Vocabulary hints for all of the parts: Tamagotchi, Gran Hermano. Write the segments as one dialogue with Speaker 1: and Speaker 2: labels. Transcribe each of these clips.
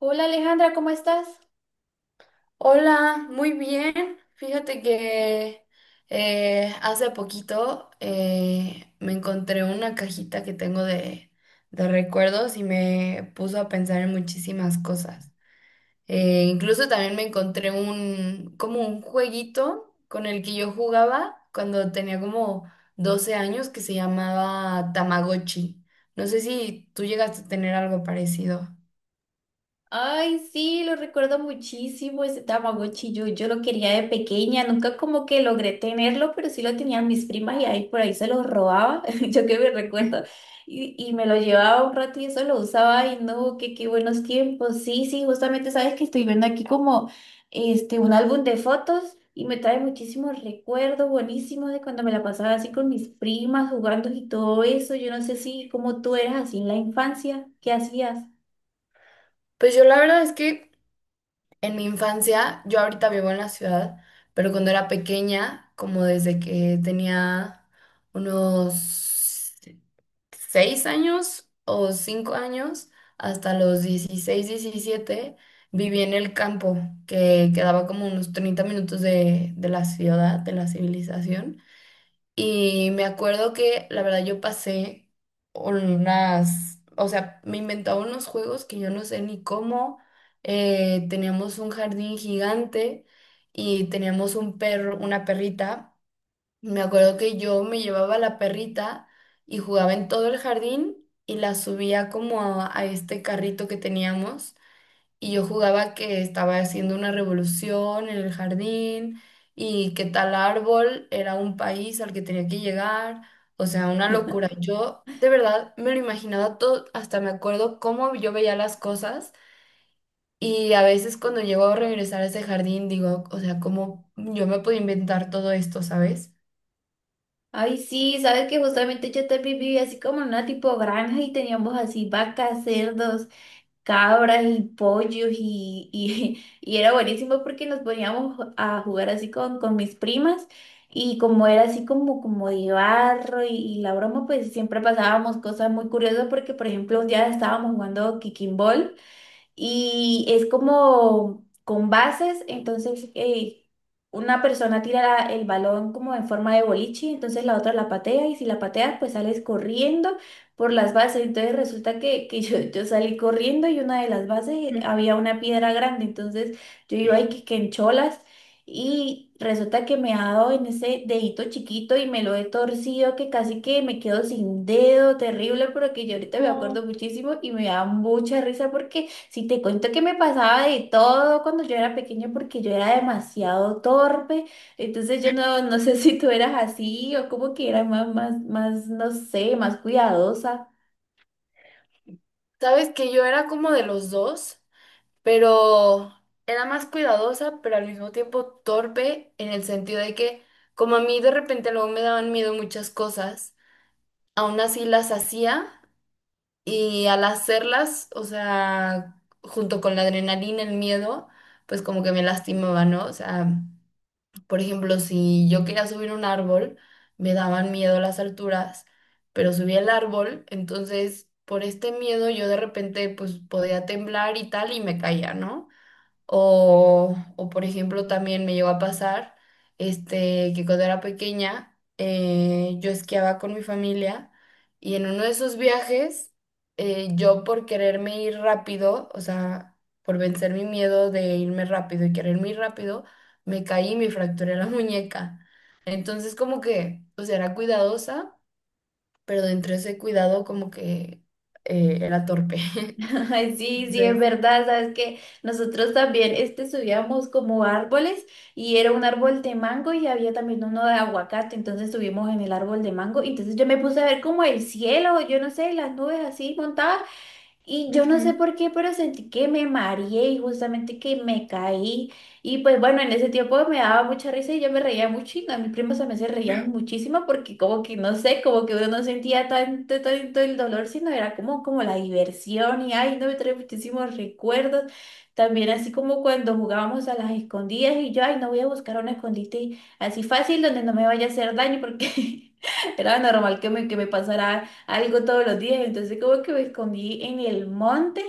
Speaker 1: Hola Alejandra, ¿cómo estás?
Speaker 2: Hola, muy bien. Fíjate que hace poquito me encontré una cajita que tengo de recuerdos y me puso a pensar en muchísimas cosas. Incluso también me encontré como un jueguito con el que yo jugaba cuando tenía como 12 años que se llamaba Tamagotchi. No sé si tú llegaste a tener algo parecido.
Speaker 1: Ay, sí, lo recuerdo muchísimo, ese Tamagotchi. Yo lo quería de pequeña, nunca como que logré tenerlo, pero sí lo tenían mis primas y ahí por ahí se lo robaba, yo que me recuerdo, y me lo llevaba un rato y eso lo usaba. Y no, qué buenos tiempos. Sí, sí, justamente sabes que estoy viendo aquí como este un álbum de fotos y me trae muchísimos recuerdos buenísimos de cuando me la pasaba así con mis primas jugando y todo eso. Yo no sé si como tú eras así en la infancia, ¿qué hacías?
Speaker 2: Pues yo la verdad es que en mi infancia, yo ahorita vivo en la ciudad, pero cuando era pequeña, como desde que tenía unos 6 años o 5 años, hasta los 16 17, viví en el campo, que quedaba como unos 30 minutos de, la ciudad, de la civilización. Y me acuerdo que la verdad yo pasé unas, o sea, me inventaba unos juegos que yo no sé ni cómo. Teníamos un jardín gigante y teníamos un perro, una perrita. Me acuerdo que yo me llevaba la perrita y jugaba en todo el jardín y la subía como a este carrito que teníamos. Y yo jugaba que estaba haciendo una revolución en el jardín y que tal árbol era un país al que tenía que llegar. O sea, una locura. Yo de verdad me lo imaginaba todo, hasta me acuerdo cómo yo veía las cosas. Y a veces cuando llego a regresar a ese jardín digo, o sea, cómo yo me puedo inventar todo esto, ¿sabes?
Speaker 1: Ay, sí, sabes que justamente yo también vivía así como en una tipo granja y teníamos así vacas, cerdos, cabras y pollos y era buenísimo porque nos poníamos a jugar así con mis primas y como era así como, como de barro y la broma, pues siempre pasábamos cosas muy curiosas porque, por ejemplo, un día estábamos jugando kicking ball y es como con bases, entonces una persona tira el balón como en forma de boliche, entonces la otra la patea y si la pateas pues sales corriendo por las bases, entonces resulta que yo salí corriendo y una de las bases había una piedra grande, entonces yo iba ahí que en cholas y resulta que me ha dado en ese dedito chiquito y me lo he torcido que casi que me quedo sin dedo, terrible, pero que yo ahorita me
Speaker 2: Ujú.
Speaker 1: acuerdo muchísimo y me da mucha risa porque si te cuento que me pasaba de todo cuando yo era pequeña porque yo era demasiado torpe, entonces yo no, no sé si tú eras así o como que era más, no sé, más cuidadosa.
Speaker 2: ¿Sabes que yo era como de los dos? Pero era más cuidadosa, pero al mismo tiempo torpe en el sentido de que como a mí de repente luego me daban miedo muchas cosas, aún así las hacía y al hacerlas, o sea, junto con la adrenalina, el miedo, pues como que me lastimaba, ¿no? O sea, por ejemplo, si yo quería subir un árbol, me daban miedo las alturas, pero subí el árbol, entonces… Por este miedo yo de repente pues podía temblar y tal y me caía, ¿no? O, por ejemplo, también me llegó a pasar que cuando era pequeña yo esquiaba con mi familia y en uno de esos viajes yo por quererme ir rápido, o sea, por vencer mi miedo de irme rápido y quererme ir rápido, me caí y me fracturé la muñeca. Entonces como que, o sea, era cuidadosa, pero dentro de ese cuidado como que era torpe.
Speaker 1: Ay, sí, sí, es
Speaker 2: Entonces…
Speaker 1: verdad, sabes que nosotros también subíamos como árboles y era un árbol de mango y había también uno de aguacate, entonces subimos en el árbol de mango, entonces yo me puse a ver como el cielo, yo no sé, las nubes así montadas. Y yo no
Speaker 2: Ujú.
Speaker 1: sé por qué, pero sentí que me mareé y justamente que me caí. Y pues bueno, en ese tiempo me daba mucha risa y yo me reía mucho y a mis primos también se reían muchísimo porque como que no sé, como que uno no sentía tanto, tanto el dolor, sino era como, como la diversión y ay, no me trae muchísimos recuerdos. También así como cuando jugábamos a las escondidas y yo, ay, no voy a buscar un escondite así fácil donde no me vaya a hacer daño porque era normal que me pasara algo todos los días. Entonces como que me escondí en el monte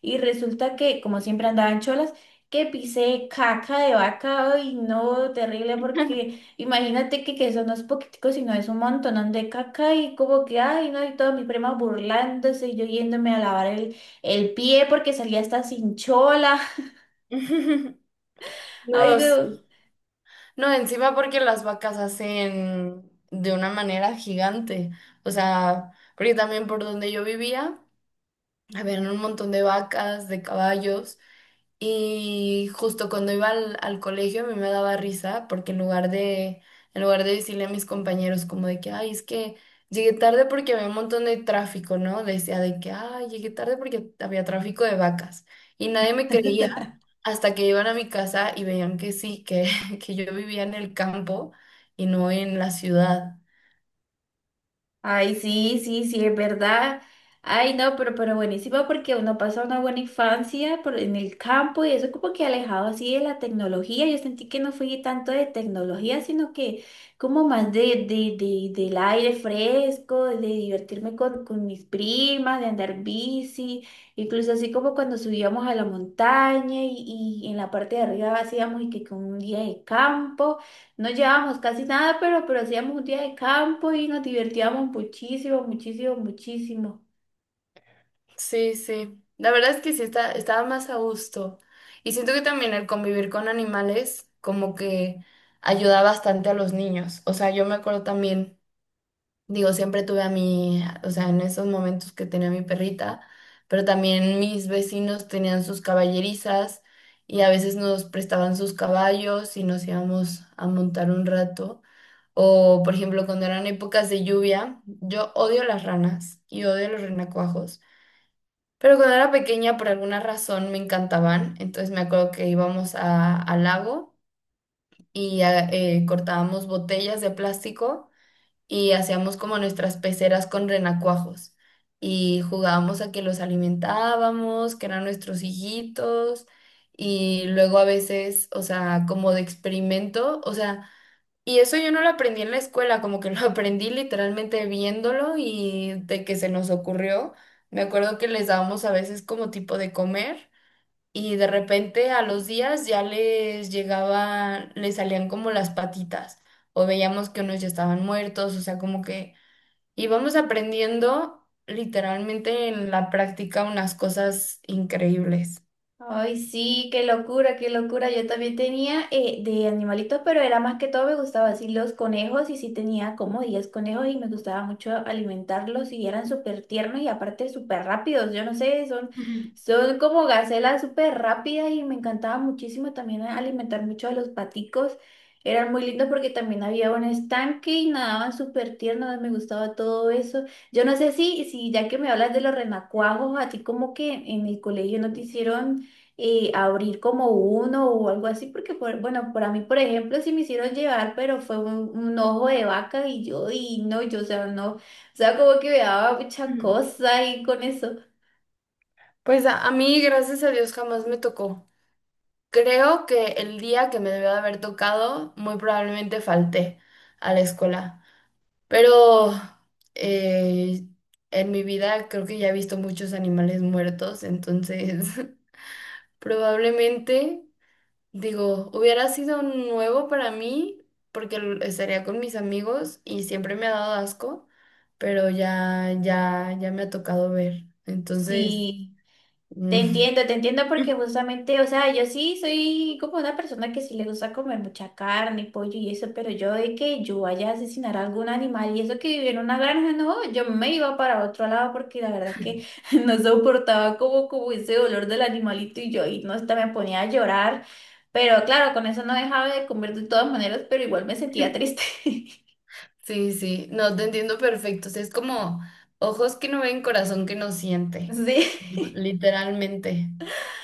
Speaker 1: y resulta que, como siempre andaba en cholas, que pisé caca de vaca y no, terrible porque imagínate que eso no es poquitico, sino es un montón de caca y como que, ay, no, y todos mis primas burlándose y yo yéndome a lavar el pie porque salía hasta sin chola. Ay,
Speaker 2: No,
Speaker 1: no.
Speaker 2: sí. No, encima porque las vacas hacen de una manera gigante. O sea, porque también por donde yo vivía, habían un montón de vacas, de caballos. Y justo cuando iba al colegio a mí me daba risa porque en lugar de decirle a mis compañeros como de que, ay, es que llegué tarde porque había un montón de tráfico, ¿no? Decía de que, ay, llegué tarde porque había tráfico de vacas. Y nadie me creía hasta que iban a mi casa y veían que sí, que, que yo vivía en el campo y no en la ciudad.
Speaker 1: Ay, sí, sí, sí, es verdad. Ay, no, pero buenísimo porque uno pasa una buena infancia por- en el campo y eso como que alejado así de la tecnología. Yo sentí que no fui tanto de tecnología, sino que como más del aire fresco, de divertirme con mis primas, de andar bici, incluso así como cuando subíamos a la montaña y en la parte de arriba hacíamos y que con un día de campo. No llevábamos casi nada, pero hacíamos un día de campo y nos divertíamos muchísimo, muchísimo, muchísimo.
Speaker 2: Sí, sí. La verdad es que sí estaba más a gusto. Y siento que también el convivir con animales como que ayuda bastante a los niños. O sea, yo me acuerdo también, digo, siempre tuve a mi, o sea, en esos momentos que tenía mi perrita, pero también mis vecinos tenían sus caballerizas y a veces nos prestaban sus caballos y nos íbamos a montar un rato. O, por ejemplo, cuando eran épocas de lluvia, yo odio las ranas y odio los renacuajos. Pero cuando era pequeña, por alguna razón, me encantaban. Entonces me acuerdo que íbamos al lago y cortábamos botellas de plástico y hacíamos como nuestras peceras con renacuajos. Y jugábamos a que los alimentábamos, que eran nuestros hijitos. Y luego a veces, o sea, como de experimento, o sea… Y eso yo no lo aprendí en la escuela, como que lo aprendí literalmente viéndolo y de que se nos ocurrió. Me acuerdo que les dábamos a veces como tipo de comer y de repente a los días ya les llegaban, les salían como las patitas o veíamos que unos ya estaban muertos, o sea, como que íbamos aprendiendo literalmente en la práctica unas cosas increíbles.
Speaker 1: Ay, sí, qué locura, qué locura. Yo también tenía de animalitos, pero era más que todo me gustaba así los conejos y sí tenía como 10 conejos y me gustaba mucho alimentarlos y eran súper tiernos y aparte súper rápidos. Yo no sé, son,
Speaker 2: Ujú,
Speaker 1: son como gacelas súper rápidas y me encantaba muchísimo también alimentar mucho a los paticos. Eran muy lindos porque también había un estanque y nadaban súper tiernos, me gustaba todo eso. Yo no sé si, si ya que me hablas de los renacuajos, a ti como que en el colegio no te hicieron y abrir como uno o algo así, porque por- bueno, para mí, por ejemplo, sí me hicieron llevar, pero fue un ojo de vaca y yo, y no, yo, o sea, no, o sea, como que me daba mucha
Speaker 2: ujú.
Speaker 1: cosa y con eso,
Speaker 2: Pues a mí, gracias a Dios, jamás me tocó. Creo que el día que me debió de haber tocado, muy probablemente falté a la escuela. Pero eh, en mi vida creo que ya he visto muchos animales muertos, entonces probablemente, digo, hubiera sido nuevo para mí porque estaría con mis amigos y siempre me ha dado asco, pero ya me ha tocado ver. Entonces,
Speaker 1: sí. Te entiendo porque justamente, o sea, yo sí soy como una persona que sí le gusta comer mucha carne, y pollo y eso, pero yo de que yo vaya a asesinar a algún animal y eso que vivía en una granja, no, yo me iba para otro lado porque la verdad que no soportaba como, como ese olor del animalito y yo ahí no hasta me ponía a llorar, pero claro, con eso no dejaba de comer de todas maneras, pero igual me sentía triste.
Speaker 2: sí, sí, no, te entiendo perfecto. O sea, es como ojos que no ven, corazón que no siente,
Speaker 1: Sí.
Speaker 2: ujú, literalmente.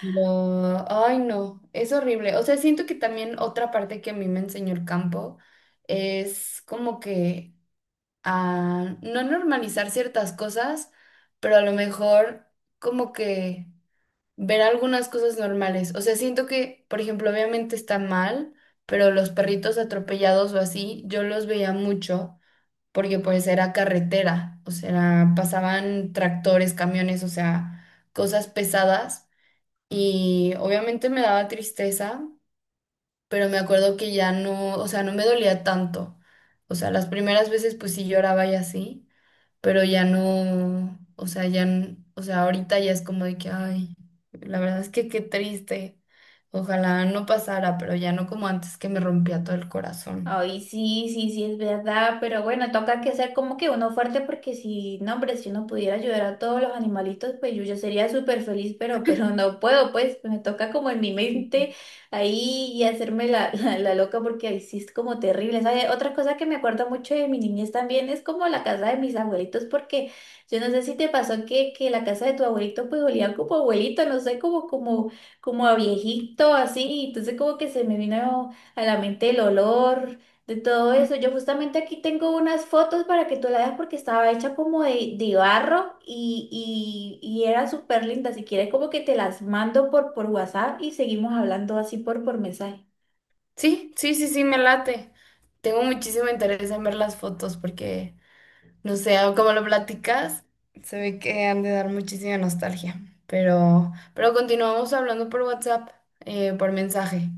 Speaker 2: Pero, ay, no, es horrible. O sea, siento que también otra parte que a mí me enseñó el campo es como que a no normalizar ciertas cosas, pero a lo mejor como que ver algunas cosas normales. O sea, siento que, por ejemplo, obviamente está mal, pero los perritos atropellados o así, yo los veía mucho porque pues era carretera, o sea, pasaban tractores, camiones, o sea, cosas pesadas y obviamente me daba tristeza, pero me acuerdo que ya no, o sea, no me dolía tanto. O sea, las primeras veces pues sí lloraba y así, pero ya no, o sea, ya, o sea, ahorita ya es como de que, ay, la verdad es que qué triste. Ojalá no pasara, pero ya no como antes que me rompía todo el corazón.
Speaker 1: Ay, sí, sí, sí, es verdad, pero bueno, toca que ser como que uno fuerte porque si, no, hombre, si uno pudiera ayudar a todos los animalitos, pues yo ya sería súper feliz, pero, pero no puedo, pues me toca como en mi mente ahí y hacerme la loca porque ahí sí es como terrible, ¿sabes? Otra cosa que me acuerdo mucho de mi niñez también es como la casa de mis abuelitos, porque yo no sé si te pasó que la casa de tu abuelito pues olía como abuelito, no sé, como, como a viejito, así, entonces como que se me vino a la mente el olor, de todo eso. Yo justamente aquí tengo unas fotos para que tú la veas porque estaba hecha como de barro y era súper linda. Si quieres como que te las mando por WhatsApp y seguimos hablando así por mensaje.
Speaker 2: Sí, sí, sí, sí, me late. Tengo muchísimo interés en ver las fotos porque, no sé, como lo platicas, se ve que han de dar muchísima nostalgia. Pero continuamos hablando por WhatsApp, por mensaje.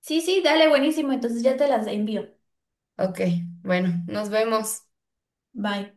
Speaker 1: Sí, sí, dale, buenísimo. Entonces ya te las envío.
Speaker 2: Ok, bueno, nos vemos.
Speaker 1: Bye.